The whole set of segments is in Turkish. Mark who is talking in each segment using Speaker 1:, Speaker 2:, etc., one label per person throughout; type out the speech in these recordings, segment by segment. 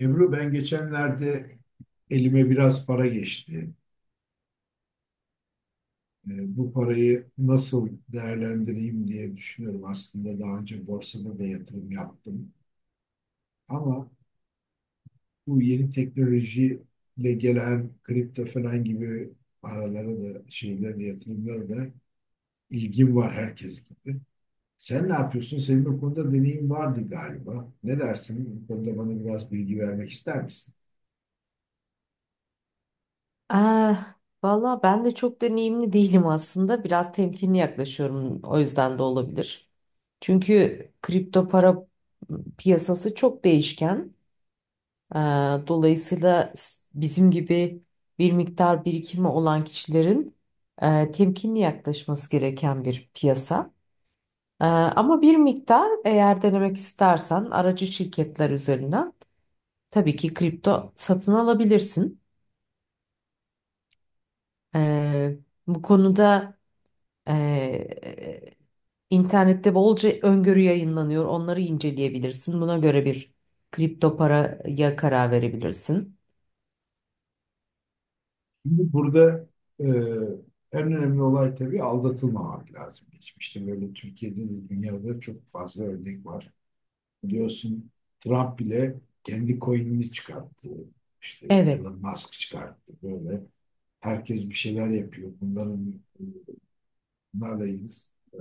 Speaker 1: Ebru ben geçenlerde elime biraz para geçti. Bu parayı nasıl değerlendireyim diye düşünüyorum. Aslında daha önce borsada da yatırım yaptım. Ama bu yeni teknolojiyle gelen kripto falan gibi paralara da şeylere de yatırımlara da ilgim var herkes gibi. Sen ne yapıyorsun? Senin bu konuda deneyim vardı galiba. Ne dersin? Bu konuda bana biraz bilgi vermek ister misin?
Speaker 2: Ee, valla ben de çok deneyimli değilim aslında. Biraz temkinli yaklaşıyorum, o yüzden de olabilir. Çünkü kripto para piyasası çok değişken. Ee, dolayısıyla bizim gibi bir miktar birikimi olan kişilerin temkinli yaklaşması gereken bir piyasa. Ama bir miktar eğer denemek istersen aracı şirketler üzerinden tabii ki kripto satın alabilirsin. Ee, bu konuda... Ee, internette bolca öngörü yayınlanıyor. Onları inceleyebilirsin. Buna göre bir kripto paraya karar verebilirsin.
Speaker 1: Şimdi burada e, en önemli olay tabii aldatılmamak lazım. Geçmişte böyle Türkiye'de de dünyada çok fazla örnek var. Biliyorsun Trump bile kendi coin'ini çıkarttı. İşte
Speaker 2: Evet.
Speaker 1: Elon Musk çıkarttı. Böyle herkes bir şeyler yapıyor. Bunlarla ilgili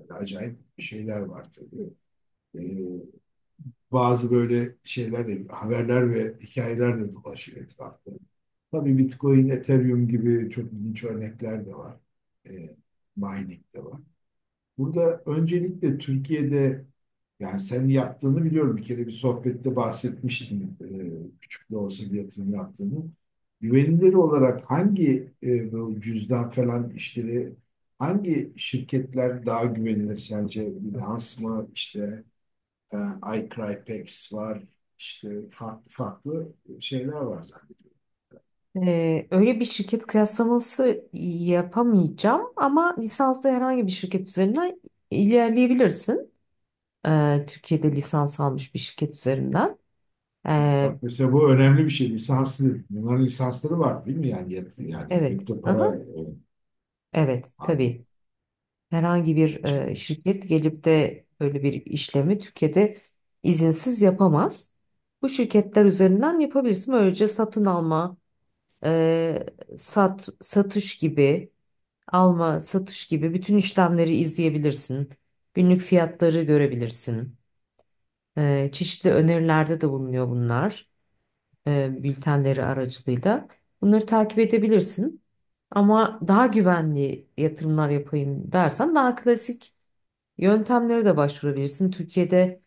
Speaker 1: acayip şeyler var tabii. E, Bazı böyle şeyler de, haberler ve hikayeler de dolaşıyor etrafta. Tabii Bitcoin, Ethereum gibi çok ilginç örnekler de var. E, Mining de var. Burada öncelikle Türkiye'de yani sen yaptığını biliyorum. Bir kere bir sohbette bahsetmiştim küçük de olsa bir yatırım yaptığını. Güvenilir olarak hangi bu cüzdan falan işleri hangi şirketler daha güvenilir sence? Binance mı işte e, iCrypex var, işte farklı farklı şeyler var zannediyorum.
Speaker 2: Öyle bir şirket kıyaslaması yapamayacağım ama lisanslı herhangi bir şirket üzerinden ilerleyebilirsin. Türkiye'de lisans almış bir şirket üzerinden. Ee,
Speaker 1: Bak mesela bu önemli bir şey. Lisanslı. Bunların lisansları var değil mi? Yani,
Speaker 2: evet.
Speaker 1: kripto
Speaker 2: Aha,
Speaker 1: para
Speaker 2: evet
Speaker 1: anlamında
Speaker 2: tabii. Herhangi bir
Speaker 1: şey,
Speaker 2: şirket gelip de böyle bir işlemi Türkiye'de izinsiz yapamaz. Bu şirketler üzerinden yapabilirsin. Böylece satın alma, e, satış gibi, alma, satış gibi bütün işlemleri izleyebilirsin. Günlük fiyatları görebilirsin. Çeşitli önerilerde de bulunuyor bunlar, bültenleri aracılığıyla. Bunları takip edebilirsin. Ama daha güvenli yatırımlar yapayım dersen daha klasik yöntemlere de başvurabilirsin. Türkiye'de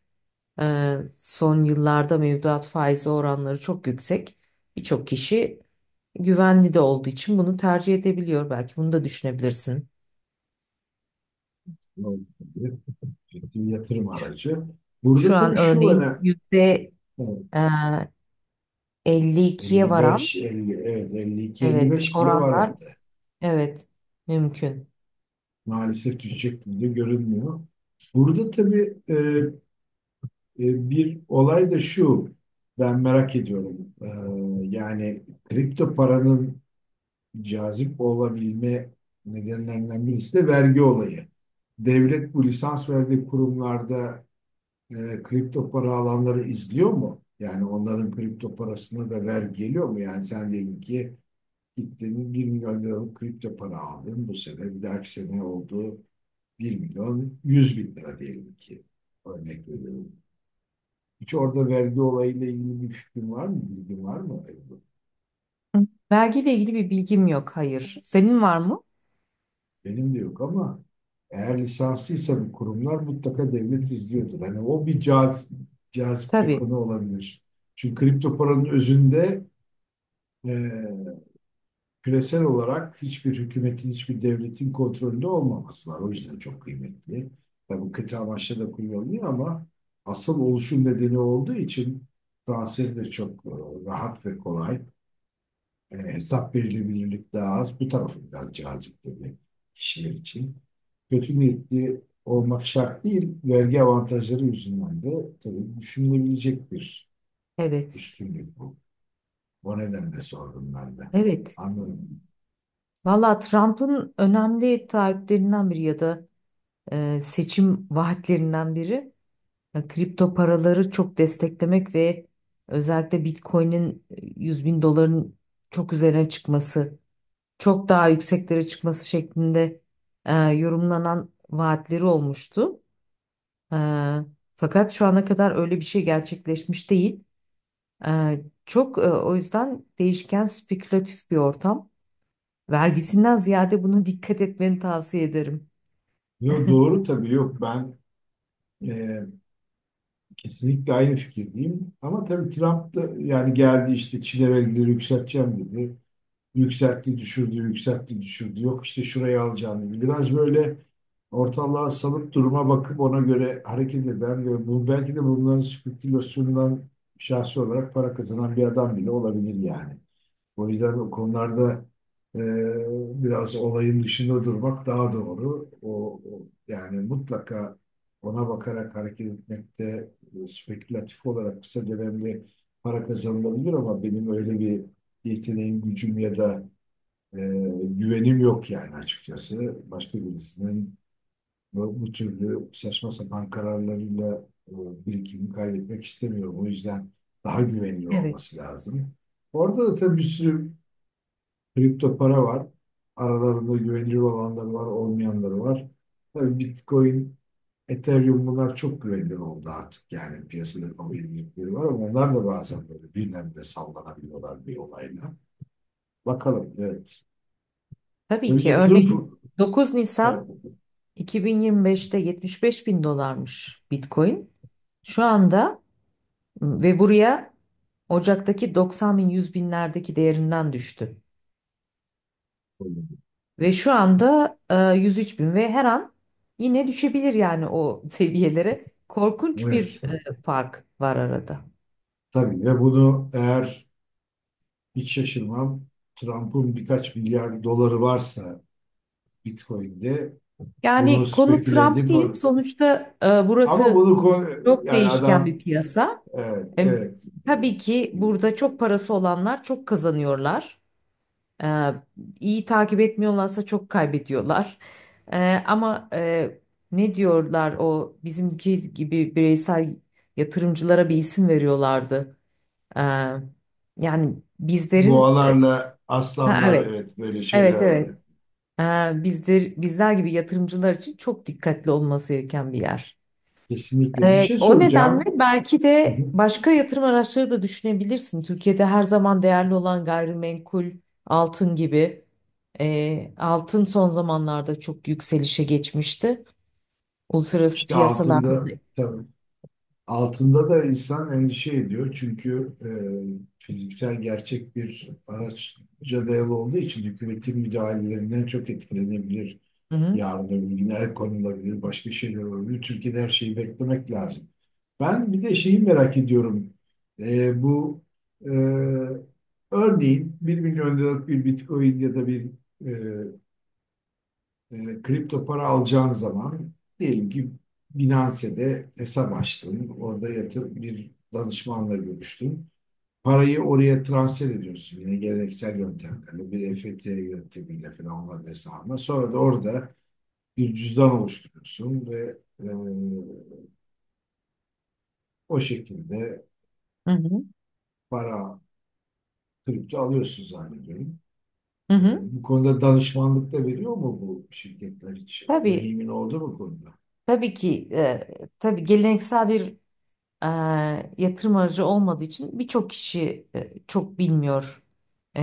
Speaker 2: son yıllarda mevduat faizi oranları çok yüksek. Birçok kişi güvenli de olduğu için bunu tercih edebiliyor. Belki bunu da düşünebilirsin.
Speaker 1: ne olabilir? Ciddi bir yatırım aracı. Burada
Speaker 2: Şu
Speaker 1: tabii
Speaker 2: an
Speaker 1: şu
Speaker 2: örneğin
Speaker 1: önemli.
Speaker 2: yüzde
Speaker 1: Evet,
Speaker 2: e, 52'ye varan,
Speaker 1: 55, 50, evet 52,
Speaker 2: evet,
Speaker 1: 55 bile var
Speaker 2: oranlar,
Speaker 1: hatta.
Speaker 2: evet, mümkün.
Speaker 1: Maalesef düşecek gibi de görünmüyor. Burada tabii bir olay da şu. Ben merak ediyorum. Yani kripto paranın cazip olabilme nedenlerinden birisi de vergi olayı. Devlet bu lisans verdiği kurumlarda e, kripto para alanları izliyor mu? Yani onların kripto parasına da vergi geliyor mu? Yani sen diyelim ki gittin 1 milyon liralık kripto para aldın. Bu sene bir dahaki sene oldu 1 milyon 100 bin lira diyelim ki. Örnek veriyorum. Hiç orada vergi olayıyla ilgili bir fikrin var mı? Bilgin var mı?
Speaker 2: Hı. Vergiyle ilgili bir bilgim yok. Hayır. Senin var mı?
Speaker 1: Benim de yok ama eğer lisanslıysa bu kurumlar mutlaka devlet izliyordur. Hani o cazip bir
Speaker 2: Tabii.
Speaker 1: konu olabilir. Çünkü kripto paranın özünde e, küresel olarak hiçbir hükümetin, hiçbir devletin kontrolünde olmaması var. O yüzden çok kıymetli. Tabii kötü amaçla da kullanılıyor ama asıl oluşum nedeni olduğu için transferi de çok rahat ve kolay. Hesap verilebilirlik daha az. Bu tarafı daha cazip tabii kişiler için. Kötü niyetli olmak şart değil. Vergi avantajları yüzünden de tabii düşünülebilecek bir
Speaker 2: Evet.
Speaker 1: üstünlük bu. O nedenle sordum ben de.
Speaker 2: Evet.
Speaker 1: Anladım.
Speaker 2: Valla Trump'ın önemli taahhütlerinden biri ya da seçim vaatlerinden biri, kripto paraları çok desteklemek ve özellikle Bitcoin'in 100 bin doların çok üzerine çıkması, çok daha yükseklere çıkması şeklinde yorumlanan vaatleri olmuştu. E, fakat şu ana kadar öyle bir şey gerçekleşmiş değil. E, o yüzden değişken, spekülatif bir ortam. Vergisinden ziyade buna dikkat etmeni tavsiye ederim.
Speaker 1: Yo, doğru tabii yok ben e, kesinlikle aynı fikirdeyim. Ama tabii Trump da yani geldi işte Çin'e vergileri yükselteceğim dedi. Yükseltti, düşürdü, yükseltti, düşürdü. Yok işte şurayı alacağım dedi. Biraz böyle ortalığa salıp duruma bakıp ona göre hareket eden ve bu belki de bunların spekülasyonundan şahsi olarak para kazanan bir adam bile olabilir yani. O yüzden o konularda e, biraz olayın dışında durmak daha doğru. Yani mutlaka ona bakarak hareket etmekte spekülatif olarak kısa dönemde para kazanılabilir ama benim öyle bir yeteneğim, gücüm ya da e, güvenim yok yani açıkçası. Başka birisinin bu türlü saçma sapan kararlarıyla e, birikimimi kaybetmek istemiyorum. O yüzden daha güvenilir
Speaker 2: Evet.
Speaker 1: olması lazım. Orada da tabii bir sürü kripto para var. Aralarında güvenilir olanları var, olmayanları var. Tabii Bitcoin, Ethereum bunlar çok güvenilir oldu artık. Yani piyasada kabul edilirleri var ama onlar da bazen böyle birdenbire sallanabiliyorlar bir olayla. Bakalım, evet.
Speaker 2: Tabii
Speaker 1: Tabii
Speaker 2: ki
Speaker 1: yatırım
Speaker 2: örneğin 9 Nisan
Speaker 1: fır-
Speaker 2: 2025'te 75 bin dolarmış Bitcoin. Şu anda ve buraya Ocak'taki 90 bin, 100 binlerdeki değerinden düştü. Ve şu anda 103 bin ve her an yine düşebilir yani o seviyelere. Korkunç
Speaker 1: evet,
Speaker 2: bir fark var arada.
Speaker 1: tabii ve bunu eğer hiç şaşırmam Trump'ın birkaç milyar doları varsa Bitcoin'de bunu
Speaker 2: Yani konu
Speaker 1: speküle
Speaker 2: Trump
Speaker 1: edip
Speaker 2: değil sonuçta,
Speaker 1: ama
Speaker 2: burası
Speaker 1: bunu
Speaker 2: çok
Speaker 1: yani
Speaker 2: değişken bir
Speaker 1: adam,
Speaker 2: piyasa.
Speaker 1: evet
Speaker 2: E,
Speaker 1: evet yani
Speaker 2: tabii ki burada çok parası olanlar çok kazanıyorlar. Ee, iyi takip etmiyorlarsa çok kaybediyorlar. Ee, ama e, ne diyorlar o bizimki gibi bireysel yatırımcılara bir isim veriyorlardı. Ee, yani bizlerin.
Speaker 1: boğalarla
Speaker 2: Ha,
Speaker 1: aslanlar
Speaker 2: evet,
Speaker 1: evet böyle şeyler
Speaker 2: evet, evet.
Speaker 1: var.
Speaker 2: Bizler gibi yatırımcılar için çok dikkatli olması gereken bir yer.
Speaker 1: Kesinlikle bir şey
Speaker 2: O nedenle
Speaker 1: soracağım.
Speaker 2: belki de başka yatırım araçları da düşünebilirsin. Türkiye'de her zaman değerli olan gayrimenkul, altın gibi. Altın son zamanlarda çok yükselişe geçmişti. Uluslararası
Speaker 1: İşte
Speaker 2: piyasalarda.
Speaker 1: altında tabii altında da insan endişe ediyor çünkü fiziksel gerçek bir araçça dayalı olduğu için hükümetin müdahalelerinden çok etkilenebilir.
Speaker 2: Hı hı,
Speaker 1: Yarın öbür gün el konulabilir, başka şeyler olabilir. Türkiye'de her şeyi beklemek lazım. Ben bir de şeyi merak ediyorum. E, bu e, Örneğin 1 milyon liralık bir Bitcoin ya da bir e, kripto para alacağın zaman diyelim ki Binance'de hesap açtın. Orada yatır, bir danışmanla görüştün. Parayı oraya transfer ediyorsun yine geleneksel yöntemlerle, bir EFT yöntemiyle falan onların hesabına. Sonra da orada bir cüzdan oluşturuyorsun ve o şekilde
Speaker 2: hı hı,
Speaker 1: para kripto alıyorsun zannediyorum.
Speaker 2: hı hı.
Speaker 1: Bu konuda danışmanlık da veriyor mu bu şirketler için?
Speaker 2: Tabii,
Speaker 1: Deneyimin oldu mu bu konuda?
Speaker 2: tabii ki, tabii geleneksel bir e, yatırım aracı olmadığı için birçok kişi çok bilmiyor e,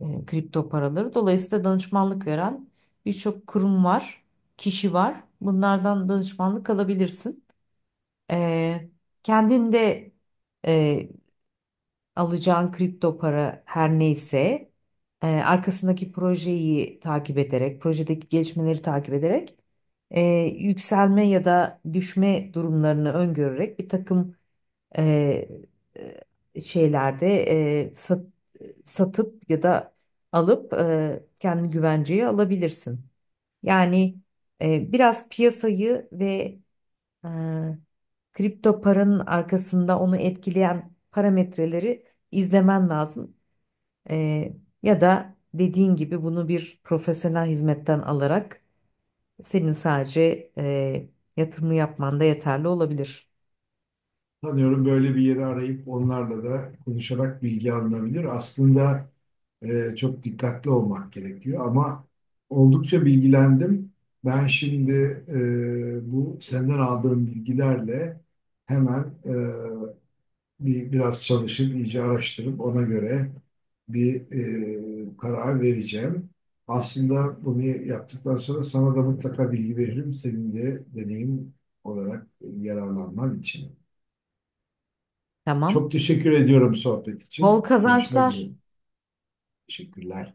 Speaker 2: kripto paraları. Dolayısıyla danışmanlık veren birçok kurum var, kişi var. Bunlardan danışmanlık alabilirsin. E, kendin e, alacağın kripto para her neyse, arkasındaki projeyi takip ederek, projedeki gelişmeleri takip ederek, e, yükselme ya da düşme durumlarını öngörerek bir takım e, şeylerde e, sat- satıp ya da alıp kendi güvenceye alabilirsin. Yani biraz piyasayı ve e, kripto paranın arkasında onu etkileyen parametreleri izlemen lazım. E, ya da dediğin gibi bunu bir profesyonel hizmetten alarak senin sadece yatırımı yapman da yeterli olabilir.
Speaker 1: Sanıyorum böyle bir yeri arayıp onlarla da konuşarak bilgi alınabilir. Aslında çok dikkatli olmak gerekiyor ama oldukça bilgilendim. Ben şimdi bu senden aldığım bilgilerle hemen e, biraz çalışıp iyice araştırıp ona göre bir karar vereceğim. Aslında bunu yaptıktan sonra sana da mutlaka bilgi veririm. Senin de deneyim olarak yararlanman için. Çok
Speaker 2: Tamam.
Speaker 1: teşekkür ediyorum sohbet
Speaker 2: Bol
Speaker 1: için. Görüşmek
Speaker 2: kazançlar.
Speaker 1: üzere. Teşekkürler.